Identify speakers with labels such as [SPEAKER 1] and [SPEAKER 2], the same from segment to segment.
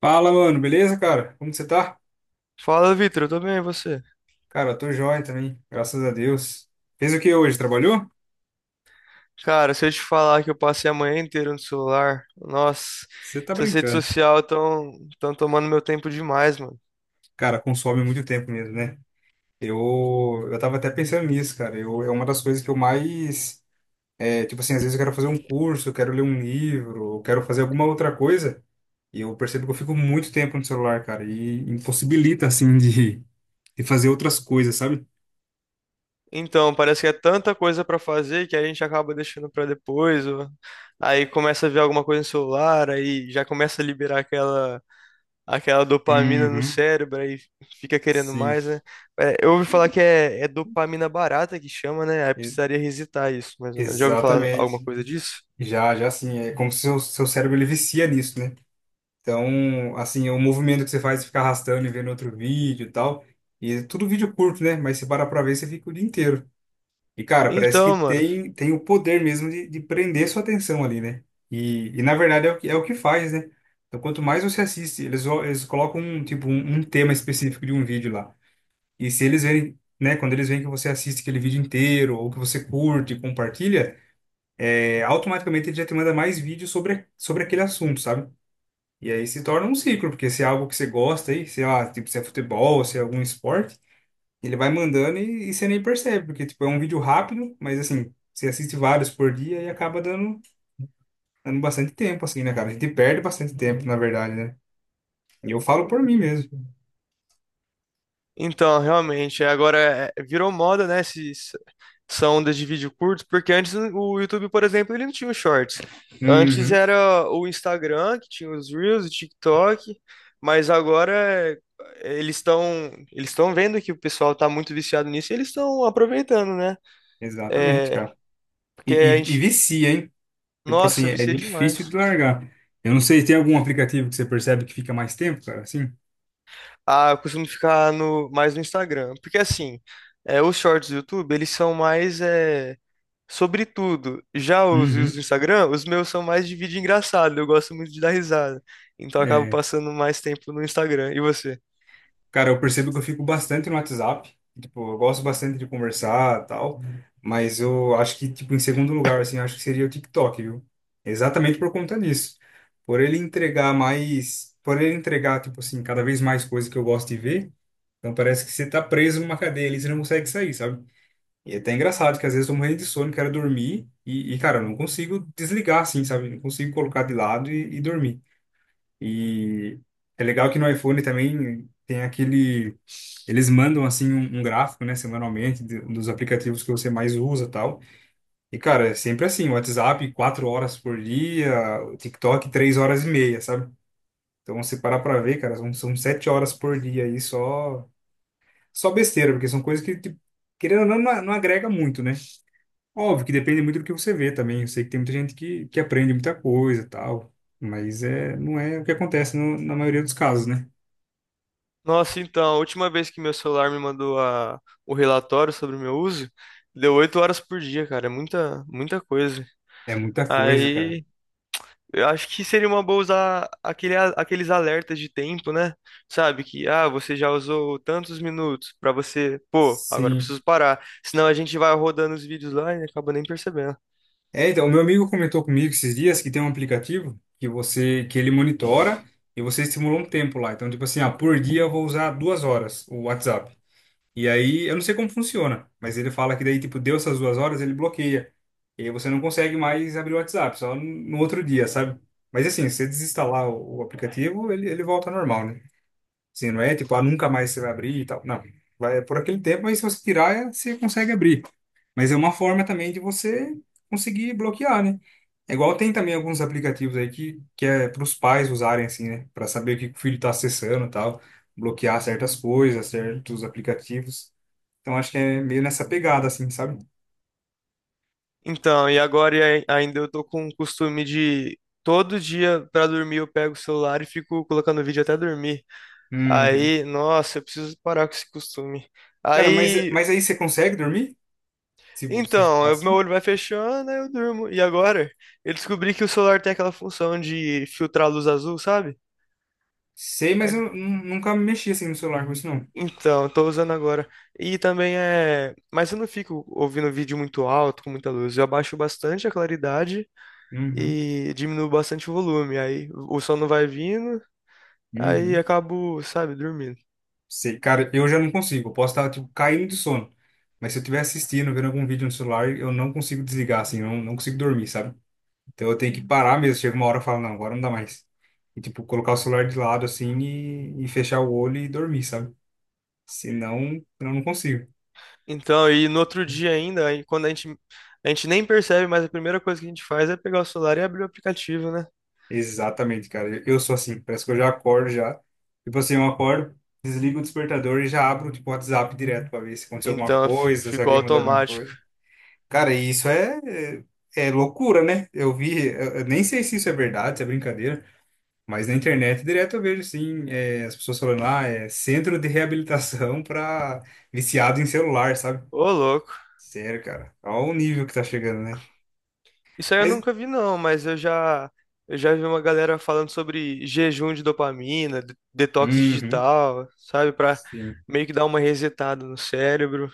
[SPEAKER 1] Fala, mano, beleza, cara? Como que você tá?
[SPEAKER 2] Fala, Vitor, eu tô bem, e você?
[SPEAKER 1] Cara, eu tô joia também, graças a Deus. Fez o que hoje? Trabalhou?
[SPEAKER 2] Cara, se eu te falar que eu passei a manhã inteira no celular, nossa,
[SPEAKER 1] Você tá
[SPEAKER 2] essas redes
[SPEAKER 1] brincando.
[SPEAKER 2] sociais estão tão tomando meu tempo demais, mano.
[SPEAKER 1] Cara, consome muito tempo mesmo, né? Eu tava até pensando nisso, cara. É uma das coisas que eu mais. É, tipo assim, às vezes eu quero fazer um curso, eu quero ler um livro, eu quero fazer alguma outra coisa, e eu percebo que eu fico muito tempo no celular, cara, e impossibilita, assim, de fazer outras coisas, sabe?
[SPEAKER 2] Então, parece que é tanta coisa pra fazer que a gente acaba deixando pra depois, ou aí começa a ver alguma coisa no celular, aí já começa a liberar aquela dopamina no
[SPEAKER 1] Uhum,
[SPEAKER 2] cérebro, aí fica querendo
[SPEAKER 1] sim,
[SPEAKER 2] mais, né? É, eu ouvi falar que é dopamina barata que chama, né? Aí
[SPEAKER 1] e-
[SPEAKER 2] precisaria resetar isso, mais ou menos. Já ouviu falar alguma
[SPEAKER 1] exatamente.
[SPEAKER 2] coisa disso?
[SPEAKER 1] Já assim, é como se o seu, seu cérebro ele vicia nisso, né? Então, assim, o movimento que você faz, você fica arrastando e vendo outro vídeo e tal, e é tudo vídeo curto, né? Mas você para pra ver, você fica o dia inteiro. E, cara, parece que
[SPEAKER 2] Então, mano.
[SPEAKER 1] tem o poder mesmo de prender sua atenção ali, né? E na verdade, é o que faz, né? Então, quanto mais você assiste, eles colocam, um, tipo, um tema específico de um vídeo lá. E se eles verem, né? Quando eles veem que você assiste aquele vídeo inteiro, ou que você curte e compartilha, é, automaticamente ele já te manda mais vídeos sobre, sobre aquele assunto, sabe? E aí se torna um ciclo, porque se é algo que você gosta aí, sei lá, tipo, se é futebol, se é algum esporte, ele vai mandando e você nem percebe, porque, tipo, é um vídeo rápido, mas, assim, você assiste vários por dia e acaba dando, dando bastante tempo, assim, né, cara? A gente perde bastante tempo, na verdade, né? E eu falo por mim mesmo.
[SPEAKER 2] Então, realmente, é, agora é, virou moda, né, essa onda de vídeo curto, porque antes o YouTube, por exemplo, ele não tinha os shorts. Antes
[SPEAKER 1] Uhum,
[SPEAKER 2] era o Instagram, que tinha os Reels, o TikTok, mas agora é, eles estão vendo que o pessoal tá muito viciado nisso e eles estão aproveitando, né?
[SPEAKER 1] exatamente,
[SPEAKER 2] É,
[SPEAKER 1] cara. E,
[SPEAKER 2] porque a
[SPEAKER 1] e, e
[SPEAKER 2] gente,
[SPEAKER 1] vicia, hein? Tipo assim,
[SPEAKER 2] nossa,
[SPEAKER 1] é
[SPEAKER 2] vicia
[SPEAKER 1] difícil de
[SPEAKER 2] demais.
[SPEAKER 1] largar. Eu não sei, tem algum aplicativo que você percebe que fica mais tempo, cara, assim?
[SPEAKER 2] Ah, eu costumo ficar no, mais no Instagram, porque assim, é, os shorts do YouTube, eles são mais... é, sobretudo, já os reels
[SPEAKER 1] Uhum.
[SPEAKER 2] do Instagram, os meus são mais de vídeo engraçado, eu gosto muito de dar risada. Então eu acabo passando mais tempo no Instagram. E você?
[SPEAKER 1] Cara, eu percebo que eu fico bastante no WhatsApp. Tipo, eu gosto bastante de conversar e tal. Mas eu acho que, tipo, em segundo lugar, assim, eu acho que seria o TikTok, viu? Exatamente por conta disso. Por ele entregar mais. Por ele entregar, tipo assim, cada vez mais coisas que eu gosto de ver. Então parece que você tá preso numa cadeia ali, você não consegue sair, sabe? E é até engraçado que às vezes eu tô morrendo de sono, quero dormir. E, cara, eu não consigo desligar, assim, sabe? Não consigo colocar de lado e dormir. E é legal que no iPhone também tem aquele eles mandam assim um, um gráfico, né, semanalmente dos aplicativos que você mais usa, e tal. E cara, é sempre assim, o WhatsApp 4 horas por dia, o TikTok 3 horas e meia, sabe? Então você parar para ver, cara, são, são 7 horas por dia aí só besteira, porque são coisas que tipo, querendo ou não, não não agrega muito, né? Óbvio que depende muito do que você vê também. Eu sei que tem muita gente que aprende muita coisa, e tal, mas é não é o que acontece na maioria dos casos, né?
[SPEAKER 2] Nossa, então, a última vez que meu celular me mandou a, o relatório sobre o meu uso, deu 8 horas por dia, cara. É muita, muita coisa.
[SPEAKER 1] É muita coisa, cara.
[SPEAKER 2] Aí eu acho que seria uma boa usar aquele, aqueles alertas de tempo, né? Sabe? Que, ah, você já usou tantos minutos pra você, pô, agora eu
[SPEAKER 1] Sim.
[SPEAKER 2] preciso parar. Senão a gente vai rodando os vídeos lá e acaba nem percebendo.
[SPEAKER 1] É, então, meu amigo comentou comigo esses dias que tem um aplicativo que você que ele monitora e você estimula um tempo lá. Então, tipo assim, ah, por dia eu vou usar 2 horas o WhatsApp. E aí, eu não sei como funciona, mas ele fala que daí, tipo, deu essas 2 horas, ele bloqueia. E aí você não consegue mais abrir o WhatsApp, só no outro dia, sabe? Mas assim, se você desinstalar o aplicativo, ele volta ao normal, né? Sim, não é tipo, ah, nunca mais você vai abrir e tal. Não, vai é por aquele tempo, mas se você tirar, é- você consegue abrir. Mas é uma forma também de você conseguir bloquear, né? É igual tem também alguns aplicativos aí que é para os pais usarem, assim, né? Para saber o que que o filho está acessando e tal. Bloquear certas coisas, certos aplicativos. Então acho que é meio nessa pegada, assim, sabe?
[SPEAKER 2] Então, e agora e ainda eu tô com o costume de todo dia pra dormir eu pego o celular e fico colocando vídeo até dormir.
[SPEAKER 1] Uhum.
[SPEAKER 2] Aí, nossa, eu preciso parar com esse costume.
[SPEAKER 1] Cara,
[SPEAKER 2] Aí,
[SPEAKER 1] mas aí você consegue dormir? Se você
[SPEAKER 2] então,
[SPEAKER 1] ficar
[SPEAKER 2] meu
[SPEAKER 1] assim?
[SPEAKER 2] olho vai fechando, aí eu durmo. E agora? Eu descobri que o celular tem aquela função de filtrar a luz azul, sabe?
[SPEAKER 1] Sei, mas eu
[SPEAKER 2] É,
[SPEAKER 1] nunca mexi assim no celular com isso, não.
[SPEAKER 2] então, eu tô usando agora. E também é. Mas eu não fico ouvindo vídeo muito alto, com muita luz. Eu abaixo bastante a claridade
[SPEAKER 1] Uhum.
[SPEAKER 2] e diminuo bastante o volume. Aí o sono vai vindo, aí
[SPEAKER 1] Uhum.
[SPEAKER 2] acabo, sabe, dormindo.
[SPEAKER 1] Sei, cara, eu já não consigo. Eu posso estar, tipo, caindo de sono. Mas se eu estiver assistindo, vendo algum vídeo no celular, eu não consigo desligar, assim, eu não, não consigo dormir, sabe? Então eu tenho que parar mesmo. Chega uma hora e falo, não, agora não dá mais. E, tipo, colocar o celular de lado, assim, e fechar o olho e dormir, sabe? Senão, eu não consigo.
[SPEAKER 2] Então, e no outro dia ainda, aí quando a gente nem percebe, mas a primeira coisa que a gente faz é pegar o celular e abrir o aplicativo, né?
[SPEAKER 1] Exatamente, cara. Eu sou assim. Parece que eu já acordo já. Tipo assim, eu acordo, desligo o despertador e já abro, tipo, o WhatsApp direto pra ver se aconteceu alguma
[SPEAKER 2] Então
[SPEAKER 1] coisa, se
[SPEAKER 2] ficou
[SPEAKER 1] alguém mandou alguma
[SPEAKER 2] automático.
[SPEAKER 1] coisa. Cara, e isso é, é é loucura, né? Eu vi, eu nem sei se isso é verdade, se é brincadeira, mas na internet direto eu vejo, sim, é, as pessoas falando, ah, é centro de reabilitação para viciado em celular, sabe?
[SPEAKER 2] Ô, louco.
[SPEAKER 1] Sério, cara. Olha o nível que tá chegando, né?
[SPEAKER 2] Isso aí eu
[SPEAKER 1] Mas,
[SPEAKER 2] nunca vi, não, mas eu já vi uma galera falando sobre jejum de dopamina, detox
[SPEAKER 1] uhum,
[SPEAKER 2] digital, sabe? Pra
[SPEAKER 1] sim.
[SPEAKER 2] meio que dar uma resetada no cérebro,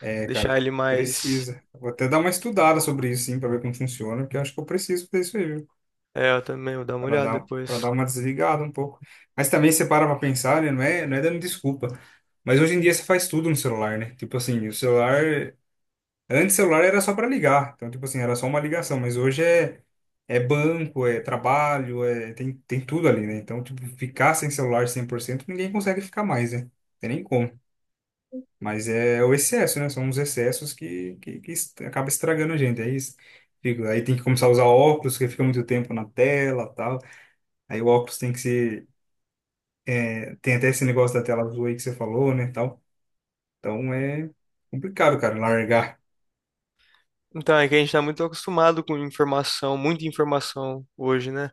[SPEAKER 1] É, cara,
[SPEAKER 2] deixar ele mais.
[SPEAKER 1] precisa. Vou até dar uma estudada sobre isso, sim, pra ver como funciona, porque eu acho que eu preciso fazer isso aí, viu?
[SPEAKER 2] É, eu também vou dar uma
[SPEAKER 1] para
[SPEAKER 2] olhada
[SPEAKER 1] dar, para dar
[SPEAKER 2] depois.
[SPEAKER 1] uma desligada um pouco. Mas também você para para pensar, né? Não é dando desculpa. Mas hoje em dia você faz tudo no celular, né? Tipo assim, o celular. Antes o celular era só para ligar. Então, tipo assim, era só uma ligação. Mas hoje é, é banco, é trabalho, é, tem tudo ali, né? Então, tipo, ficar sem celular 100% ninguém consegue ficar mais, né? Não tem nem como. Mas é o excesso, né? São os excessos que, que acaba estragando a gente. É isso. Fico- Aí tem que começar a usar óculos, que fica muito tempo na tela, tal. Aí o óculos tem que ser. É, Tem até esse negócio da tela azul aí que você falou, né? Tal. Então é complicado, cara, largar.
[SPEAKER 2] Então, é que a gente está muito acostumado com informação, muita informação hoje, né?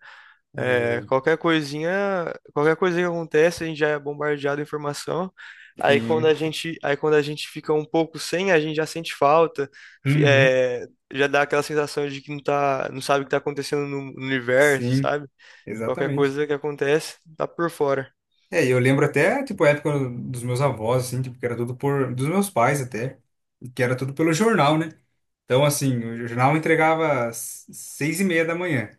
[SPEAKER 1] É,
[SPEAKER 2] É, qualquer coisinha, qualquer coisa que acontece, a gente já é bombardeado de informação. Aí quando a
[SPEAKER 1] Sim.
[SPEAKER 2] gente, aí quando a gente fica um pouco sem, a gente já sente falta, fi-
[SPEAKER 1] Uhum.
[SPEAKER 2] é, já dá aquela sensação de que não tá, não sabe o que está acontecendo no, no universo,
[SPEAKER 1] Sim,
[SPEAKER 2] sabe? Qualquer
[SPEAKER 1] exatamente.
[SPEAKER 2] coisa que acontece, tá por fora.
[SPEAKER 1] É, e eu lembro até, tipo, a época dos meus avós, assim, tipo, que era tudo por... Dos meus pais até, que era tudo pelo jornal, né? Então, assim, o jornal entregava às 6h30 da manhã.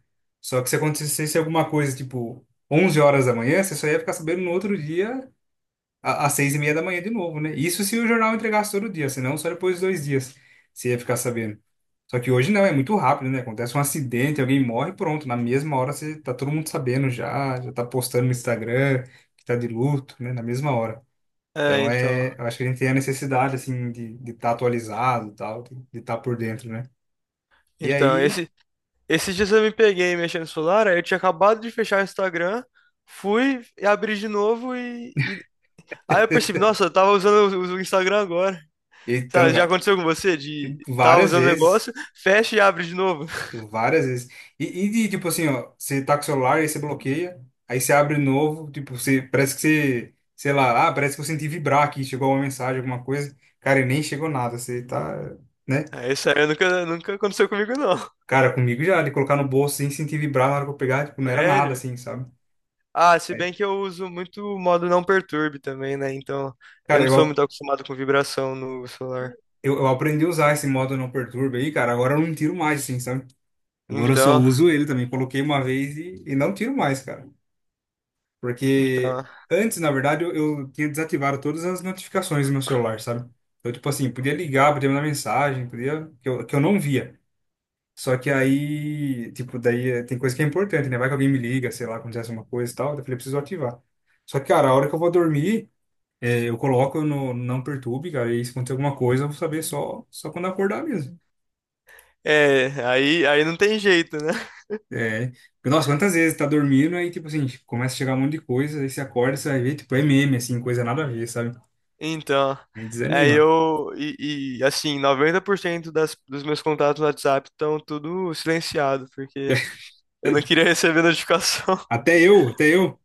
[SPEAKER 1] Só que se acontecesse alguma coisa, tipo, 11 horas da manhã, você só ia ficar sabendo no outro dia às 6h30 da manhã de novo, né? Isso se o jornal entregasse todo dia, senão só depois de 2 dias você ia ficar sabendo. Só que hoje não, é muito rápido, né? Acontece um acidente, alguém morre, pronto. Na mesma hora você tá todo mundo sabendo já, já tá postando no Instagram que tá de luto, né? Na mesma hora.
[SPEAKER 2] É,
[SPEAKER 1] Então
[SPEAKER 2] então,
[SPEAKER 1] é, eu acho que a gente tem a necessidade, assim, de estar atualizado e tal, de estar por dentro, né? E
[SPEAKER 2] então
[SPEAKER 1] aí,
[SPEAKER 2] esse, esses dias eu me peguei mexendo no celular, aí eu tinha acabado de fechar o Instagram, fui e abri de novo e aí eu percebi, nossa, eu tava usando o Instagram agora.
[SPEAKER 1] então,
[SPEAKER 2] Sabe, já
[SPEAKER 1] cara,
[SPEAKER 2] aconteceu com você de tava
[SPEAKER 1] várias
[SPEAKER 2] usando o
[SPEAKER 1] vezes.
[SPEAKER 2] negócio, fecha e abre de novo?
[SPEAKER 1] Eu várias vezes. E de, tipo assim, ó, você tá com o celular, aí você bloqueia, aí você abre novo, tipo, você, parece que você, sei lá, ah, parece que eu senti vibrar aqui, chegou uma mensagem, alguma coisa. Cara, e nem chegou nada, você tá, né?
[SPEAKER 2] É, isso aí nunca aconteceu comigo, não.
[SPEAKER 1] Cara, comigo já, de colocar no bolso sem sentir vibrar na hora que eu pegar, tipo, não era nada
[SPEAKER 2] Sério?
[SPEAKER 1] assim, sabe?
[SPEAKER 2] Ah, se
[SPEAKER 1] É.
[SPEAKER 2] bem que eu uso muito o modo não perturbe também, né? Então, eu
[SPEAKER 1] Cara,
[SPEAKER 2] não sou
[SPEAKER 1] eu,
[SPEAKER 2] muito acostumado com vibração no celular.
[SPEAKER 1] eu, eu aprendi a usar esse modo não perturba aí, cara, agora eu não tiro mais, assim, sabe? Agora eu só
[SPEAKER 2] Então,
[SPEAKER 1] uso ele também, coloquei uma vez e não tiro mais, cara. Porque
[SPEAKER 2] então...
[SPEAKER 1] antes, na verdade, eu tinha desativado todas as notificações do meu celular, sabe? Então, tipo assim, podia ligar, podia mandar mensagem, podia, que eu não via. Só que aí, tipo, daí tem coisa que é importante, né? Vai que alguém me liga, sei lá, acontece uma coisa e tal, daí eu falei, "Eu preciso ativar. Só que, cara, a hora que eu vou dormir, eu coloco no Não Perturbe, cara, e aí se acontecer alguma coisa, eu vou saber só quando acordar mesmo.
[SPEAKER 2] É, aí, aí não tem jeito, né?
[SPEAKER 1] É, porque, nossa, quantas vezes tá dormindo, aí, tipo assim, começa a chegar um monte de coisa, aí você acorda, você vai ver, tipo, é meme, assim, coisa nada a ver, sabe?
[SPEAKER 2] Então,
[SPEAKER 1] Aí desanima.
[SPEAKER 2] assim, 90% dos meus contatos no WhatsApp estão tudo silenciado, porque eu não queria receber notificação.
[SPEAKER 1] Até eu, até eu.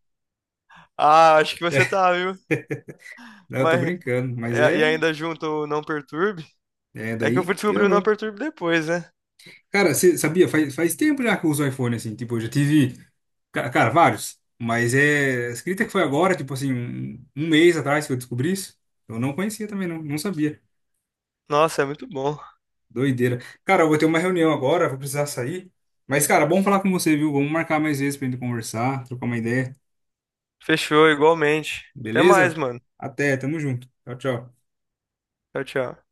[SPEAKER 2] Ah, acho que você
[SPEAKER 1] É,
[SPEAKER 2] tá, viu?
[SPEAKER 1] não, eu tô
[SPEAKER 2] Mas
[SPEAKER 1] brincando, mas
[SPEAKER 2] é, e
[SPEAKER 1] é,
[SPEAKER 2] ainda junto o não perturbe.
[SPEAKER 1] é,
[SPEAKER 2] É que eu
[SPEAKER 1] daí
[SPEAKER 2] fui descobrir o não
[SPEAKER 1] piorou.
[SPEAKER 2] perturbe depois, né?
[SPEAKER 1] Cara, você sabia, faz tempo já que eu uso iPhone, assim, tipo, eu já tive, cara, vários, mas é, acredita que foi agora, tipo assim, um mês atrás que eu descobri isso? Eu não conhecia também, não, não sabia.
[SPEAKER 2] Nossa, é muito bom.
[SPEAKER 1] Doideira. Cara, eu vou ter uma reunião agora, vou precisar sair, mas, cara, bom falar com você, viu? Vamos marcar mais vezes pra gente conversar, trocar uma ideia,
[SPEAKER 2] Fechou, igualmente. Até mais,
[SPEAKER 1] beleza?
[SPEAKER 2] mano.
[SPEAKER 1] Até, tamo junto. Tchau, tchau.
[SPEAKER 2] Tchau, tchau.